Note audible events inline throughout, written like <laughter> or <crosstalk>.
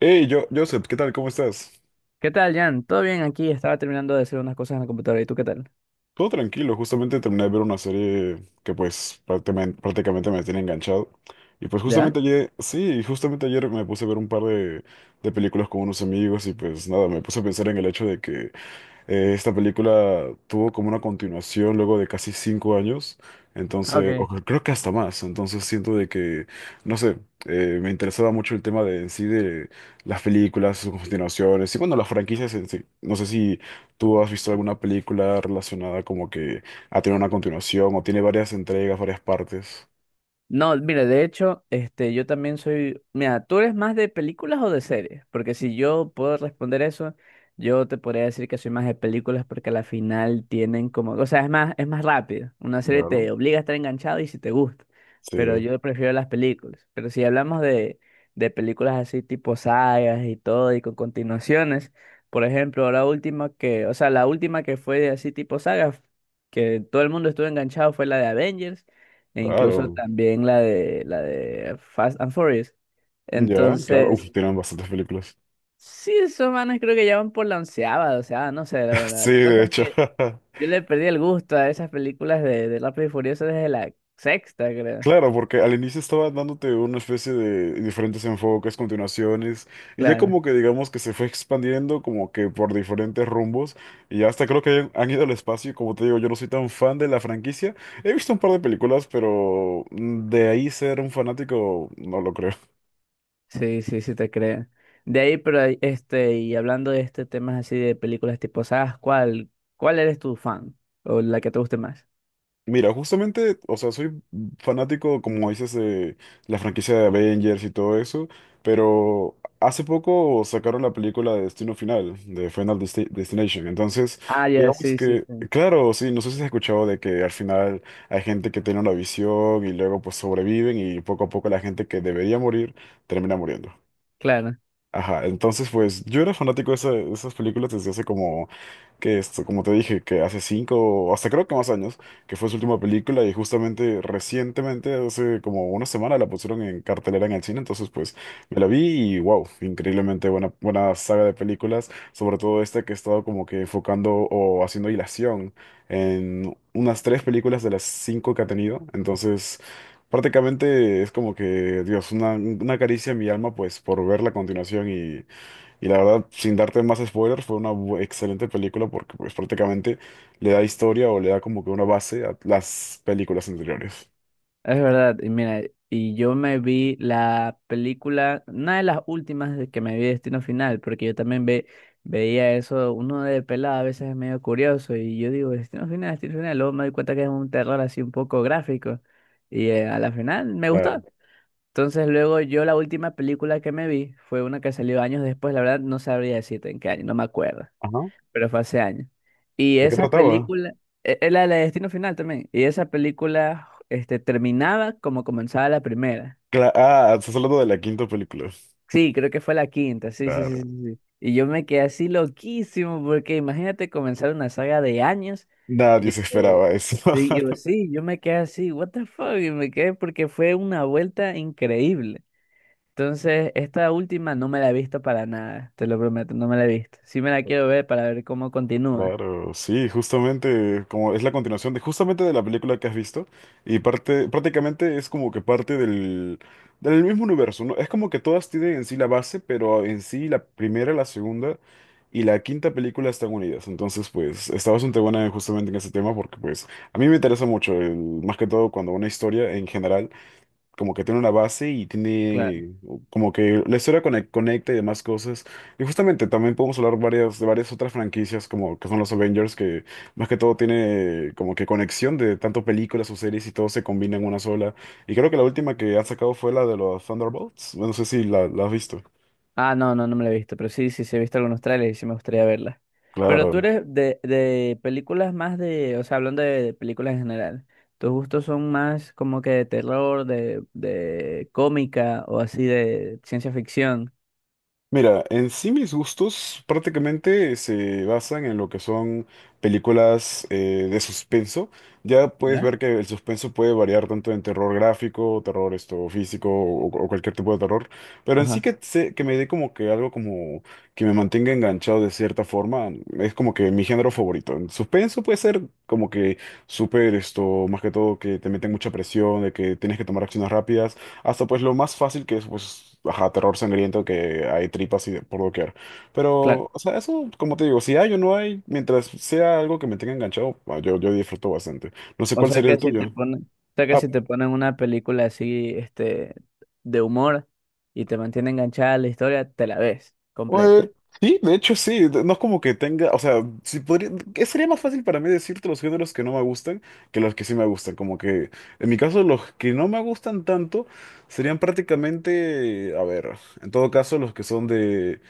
Hey, yo, Joseph, ¿qué tal? ¿Cómo estás? ¿Qué tal, Jan? ¿Todo bien aquí? Estaba terminando de hacer unas cosas en la computadora. ¿Y tú qué tal? Todo tranquilo, justamente terminé de ver una serie que pues prácticamente me tiene enganchado. Y pues ¿Ya? justamente ayer, sí, justamente ayer me puse a ver un par de películas con unos amigos y pues nada, me puse a pensar en el hecho de que esta película tuvo como una continuación luego de casi 5 años. Ah, Entonces, o Ok. creo que hasta más, entonces siento de que, no sé, me interesaba mucho el tema de en sí de las películas, sus continuaciones y bueno, las franquicias en sí. No sé si ¿tú has visto alguna película relacionada como que ha tenido una continuación o tiene varias entregas, varias partes? No, mire, de hecho, este, yo también soy. Mira, ¿tú eres más de películas o de series? Porque si yo puedo responder eso, yo te podría decir que soy más de películas porque a la final tienen como, o sea, es más rápido. Una serie Claro. te obliga a estar enganchado y si te gusta. Pero Sí, yo prefiero las películas. Pero si hablamos de películas así tipo sagas y todo y con continuaciones, por ejemplo, la última que, o sea, la última que fue así tipo sagas, que todo el mundo estuvo enganchado fue la de Avengers e incluso claro. también la de Fast and Furious. Ya, claro. Uf, Entonces, tienen bastantes películas. sí, esos manes creo que ya van por la onceava, o sea, no sé, la <laughs> verdad. Sí, La de cosa es hecho. que <laughs> yo le perdí el gusto a esas películas de Rápido y Furioso desde la sexta, creo. Claro, porque al inicio estaba dándote una especie de diferentes enfoques, continuaciones, y ya Claro. como que digamos que se fue expandiendo como que por diferentes rumbos, y ya hasta creo que han ido al espacio, y como te digo, yo no soy tan fan de la franquicia, he visto un par de películas, pero de ahí ser un fanático, no lo creo. Sí, sí, sí te creo. De ahí, pero ahí, este, y hablando de este temas así de películas tipo sagas, ¿cuál eres tu fan? O la que te guste más. Mira, justamente, o sea, soy fanático, como dices, de la franquicia de Avengers y todo eso, pero hace poco sacaron la película de Destino Final, de Final Destination. Entonces, Ah, ya, digamos sí, sí, que, sí. claro, sí, no sé si has escuchado de que al final hay gente que tiene una visión y luego pues sobreviven y poco a poco la gente que debería morir termina muriendo. Claro. Ajá, entonces pues yo era fanático de esas películas desde hace como que esto, como te dije, que hace 5 o hasta creo que más años, que fue su última película y justamente recientemente, hace como una semana, la pusieron en cartelera en el cine. Entonces pues me la vi y wow, increíblemente buena, buena saga de películas, sobre todo esta que he estado como que enfocando o haciendo hilación en unas tres películas de las cinco que ha tenido, entonces... Prácticamente es como que, Dios, una caricia en mi alma, pues, por ver la continuación y la verdad, sin darte más spoilers, fue una excelente película porque pues prácticamente le da historia o le da como que una base a las películas anteriores. Es verdad, y mira, y yo me vi la película, una de las últimas de que me vi Destino Final, porque yo también veía eso, uno de pelado a veces es medio curioso, y yo digo, Destino Final, Destino Final, luego me doy cuenta que es un terror así un poco gráfico, y a la final me gustó. Claro. Entonces luego yo la última película que me vi fue una que salió años después, la verdad no sabría decirte en qué año, no me acuerdo, Ajá. pero fue hace años. Y ¿De qué esa trataba? película, era la de Destino Final también, y esa película este, terminaba como comenzaba la primera. Ah, estás hablando de la quinta película. Sí, creo que fue la quinta, sí, sí, sí, sí, Claro. sí. Y yo me quedé así loquísimo, porque imagínate comenzar una saga de años Nadie y se que... esperaba eso. <laughs> Y yo, sí, yo me quedé así, what the fuck, y me quedé porque fue una vuelta increíble. Entonces, esta última no me la he visto para nada, te lo prometo, no me la he visto. Sí me la quiero ver para ver cómo continúa. Claro, sí, justamente como es la continuación de justamente de la película que has visto y parte prácticamente es como que parte del mismo universo, ¿no? Es como que todas tienen en sí la base, pero en sí la primera, la segunda y la quinta película están unidas. Entonces, pues está bastante buena justamente en ese tema porque pues a mí me interesa mucho más que todo cuando una historia en general como que tiene una base y Claro. tiene como que la historia conecta y demás cosas. Y justamente también podemos hablar varias, de varias otras franquicias como que son los Avengers, que más que todo tiene como que conexión de tanto películas o series y todo se combina en una sola. Y creo que la última que han sacado fue la de los Thunderbolts. No sé si la has visto. Ah, no, no, no me la he visto, pero sí, sí, sí he visto algunos trailers y sí me gustaría verla. Pero tú Claro. eres de películas o sea, hablando de películas en general, ¿tus gustos son más como que de terror, de cómica o así de ciencia ficción? Mira, en sí mis gustos prácticamente se basan en lo que son películas de suspenso. Ya puedes ¿Ya? ver que el suspenso puede variar tanto en terror gráfico, terror esto físico o cualquier tipo de terror. Pero en sí Ajá, que, que me dé como que algo como que me mantenga enganchado de cierta forma es como que mi género favorito. En suspenso puede ser como que súper esto, más que todo que te meten mucha presión, de que tienes que tomar acciones rápidas. Hasta pues lo más fácil que es, pues, ajá, terror sangriento, que hay tripas y por doquier. Pero, claro. o sea, eso, como te digo, si hay o no hay, mientras sea algo que me tenga enganchado, ah, yo disfruto bastante. No sé cuál sería el tuyo. O sea que Ah, si te ponen una película así, este, de humor y te mantiene enganchada a la historia, te la ves Eh, completa. sí, de hecho sí, no es como que tenga, o sea, si podría, que sería más fácil para mí decirte los géneros que no me gustan que los que sí me gustan, como que en mi caso los que no me gustan tanto serían prácticamente, a ver, en todo caso los que son de,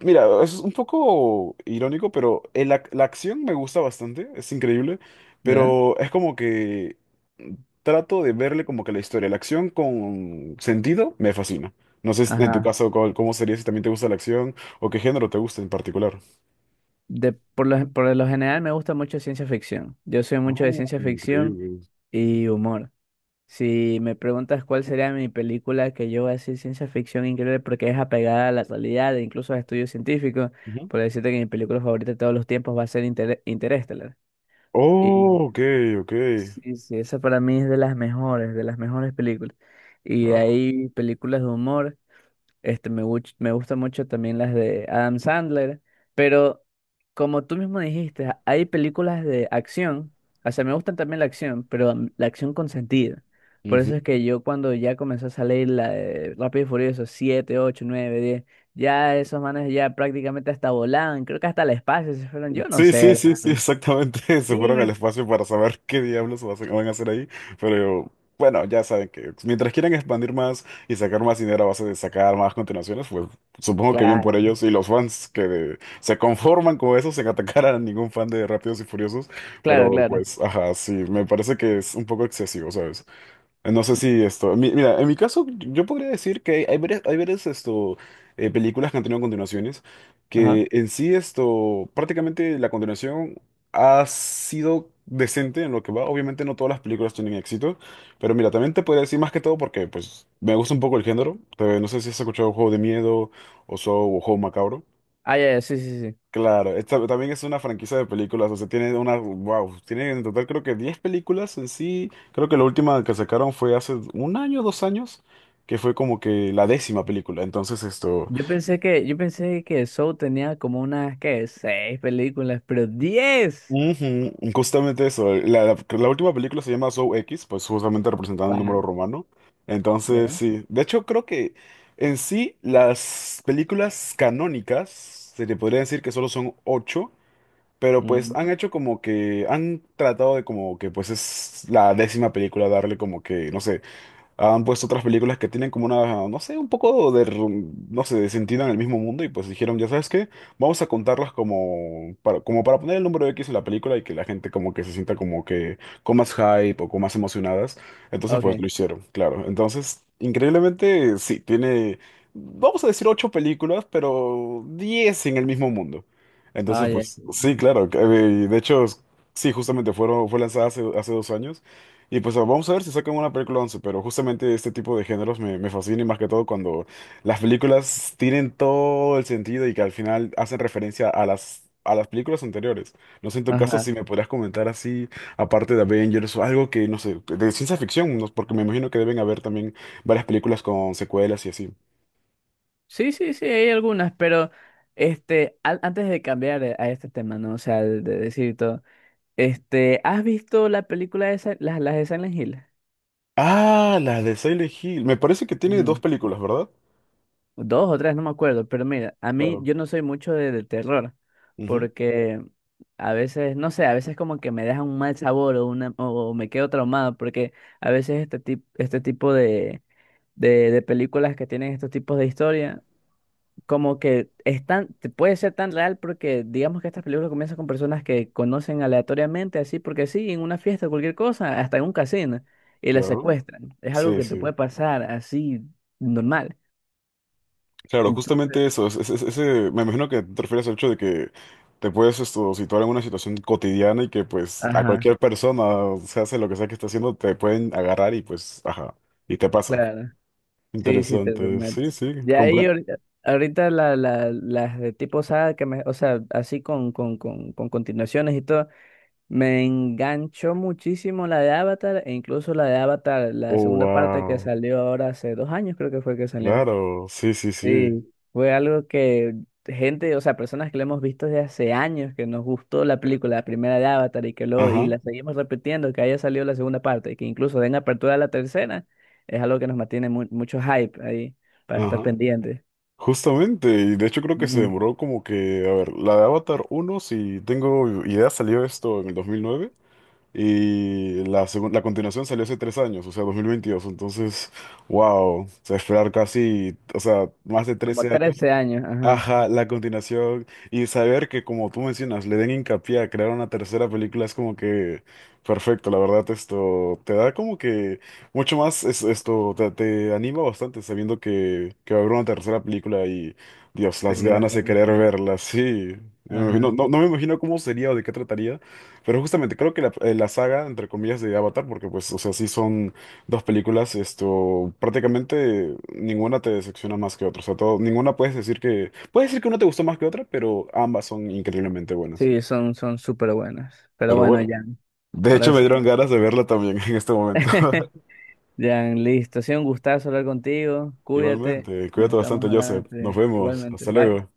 mira, es un poco irónico, pero la acción me gusta bastante, es increíble, ¿Ya? pero es como que trato de verle como que la historia, la acción con sentido me fascina. No sé si en tu Ajá. caso cómo sería si también te gusta la acción o qué género te gusta en particular. Por lo general me gusta mucho ciencia ficción. Yo soy mucho de Oh, ciencia ficción increíble. y humor. Si me preguntas cuál sería mi película que yo voy a decir ciencia ficción increíble porque es apegada a la realidad e incluso a estudios científicos, Ujú. por decirte que mi película favorita de todos los tiempos va a ser Interestelar. Oh, ok, Y ok, sí, sí, esa para mí es de las mejores películas. Y de claro. ahí películas de humor. Este, me gustan mucho también las de Adam Sandler, pero como tú mismo dijiste, hay películas de acción, o sea, me gustan también la acción, pero la acción con sentido. Por eso es que yo cuando ya comenzó a salir la de Rápido y Furioso 7, 8, 9, 10, ya esos manes ya prácticamente hasta volaban, creo que hasta el espacio se fueron, yo no Sí, sí, sé, sí, la sí, verdad. exactamente. <laughs> Se Sí, fueron al espacio para saber qué diablos van a hacer ahí. Pero bueno, ya saben que mientras quieran expandir más y sacar más dinero a base de sacar más continuaciones, pues supongo que bien por claro, ellos y los fans que se conforman con eso sin atacar a ningún fan de Rápidos y Furiosos. claro, Pero claro. pues, ajá, sí, me parece que es un poco excesivo, ¿sabes? No sé si esto. Mira, en mi caso, yo podría decir que hay varias, esto, películas que han tenido continuaciones, Ajá. que en sí esto, prácticamente la continuación ha sido decente en lo que va. Obviamente no todas las películas tienen éxito, pero mira, también te podría decir más que todo porque pues me gusta un poco el género. No sé si has escuchado Juego de Miedo o Saw o Juego Macabro. Ah, ya, ya, sí, sí, sí. Claro, esta también es una franquicia de películas, o sea, tiene una, wow, tiene en total creo que 10 películas en sí, creo que la última que sacaron fue hace un año, 2 años, que fue como que la décima película, entonces esto, Yo pensé que Saw tenía como unas, ¿qué? Seis películas, pero 10. ujú, justamente eso, la última película se llama Zoe X, pues justamente representando el número Wow. romano. Entonces ¿Eh? sí, de hecho creo que en sí las películas canónicas, se le podría decir que solo son ocho. Pero pues Mm, han hecho como que, han tratado de como que pues es la décima película darle como que, no sé, han puesto otras películas que tienen como una, no sé, un poco de, no sé, de sentido en el mismo mundo y pues dijeron, ya sabes qué, vamos a contarlas como para poner el número X en la película y que la gente como que se sienta como que con más hype o con más emocionadas. Entonces pues lo Ok. hicieron, claro. Entonces, increíblemente, sí, tiene, vamos a decir ocho películas, pero 10 en el mismo mundo. Ah, Entonces ya. pues sí, claro. De hecho, sí, justamente fue lanzada hace 2 años. Y pues vamos a ver si sacan una película 11 pero justamente este tipo de géneros me fascina y más que todo cuando las películas tienen todo el sentido y que al final hacen referencia a las películas anteriores. No sé en tu caso si Ajá. me podrías comentar así, aparte de Avengers o algo que, no sé, de ciencia ficción, porque me imagino que deben haber también varias películas con secuelas y así. Sí, sí, sí, hay algunas, pero este, antes de cambiar a este tema, ¿no? O sea, de decir todo, este, ¿has visto la película de las de Silent Ah, la de Silent Hill. Me parece que tiene dos Hill? películas, ¿verdad? Dos o tres, no me acuerdo, pero mira, a mí Claro. yo no soy mucho de terror, Ujú, porque a veces, no sé, a veces como que me deja un mal sabor o me quedo traumado, porque a veces este, este tipo de películas que tienen estos tipos de historia, como que es tan, puede ser tan real porque digamos que estas películas comienzan con personas que conocen aleatoriamente, así porque sí, en una fiesta, cualquier cosa, hasta en un casino, y las claro. secuestran. Es algo Sí, que te sí. puede pasar así normal. Claro, Ento- justamente eso, ese, me imagino que te refieres al hecho de que te puedes esto, situar en una situación cotidiana y que pues a Ajá. cualquier persona, o sea, hace lo que sea que esté haciendo, te pueden agarrar y pues, ajá, y te pasa. Claro, sí, sí, te Interesante, sí, prometo. sí, Ya ahí comprendo. ahorita, las de tipo saga o sea, así con continuaciones y todo, me enganchó muchísimo la de Avatar e incluso la de Avatar, la Oh, segunda parte que wow, salió ahora hace 2 años creo que fue que salió. claro, sí, sí, sí, Sí, fue algo que gente, o sea, personas que lo hemos visto desde hace años, que nos gustó la película, la primera de Avatar y y ajá, la seguimos repitiendo, que haya salido la segunda parte, y que incluso den apertura a la tercera, es algo que nos mantiene mucho hype ahí para estar ajá. pendientes. Justamente, y de hecho creo que se Ujú. demoró como que, a ver, la de Avatar uno si tengo idea, salió esto en el 2009. Y la continuación salió hace 3 años, o sea, 2022. Entonces, wow, o sea, esperar casi, o sea, más de Como 13 años. 13 años, ajá. Ajá, la continuación y saber que como tú mencionas, le den hincapié a crear una tercera película es como que perfecto, la verdad esto te da como que mucho más, esto te, anima bastante sabiendo que va a haber una tercera película y Dios, Sí, las la ganas verdad de que querer sí. verla, sí. Ajá. No, no me imagino cómo sería o de qué trataría, pero justamente creo que la saga, entre comillas, de Avatar, porque pues, o sea, sí son dos películas, esto, prácticamente ninguna te decepciona más que otra. O sea, todo, ninguna puedes decir que una te gustó más que otra, pero ambas son increíblemente buenas. Sí, son súper buenas. Pero Pero bueno, bueno, Jan, de ahora hecho me sí. dieron ganas de verla también <laughs> en este momento. <laughs> Jan, listo. Ha sido un gustazo hablar contigo. <laughs> Cuídate. Igualmente, Nos cuídate estamos bastante, hablando Joseph. Nos vemos. igualmente. Hasta Bye. luego.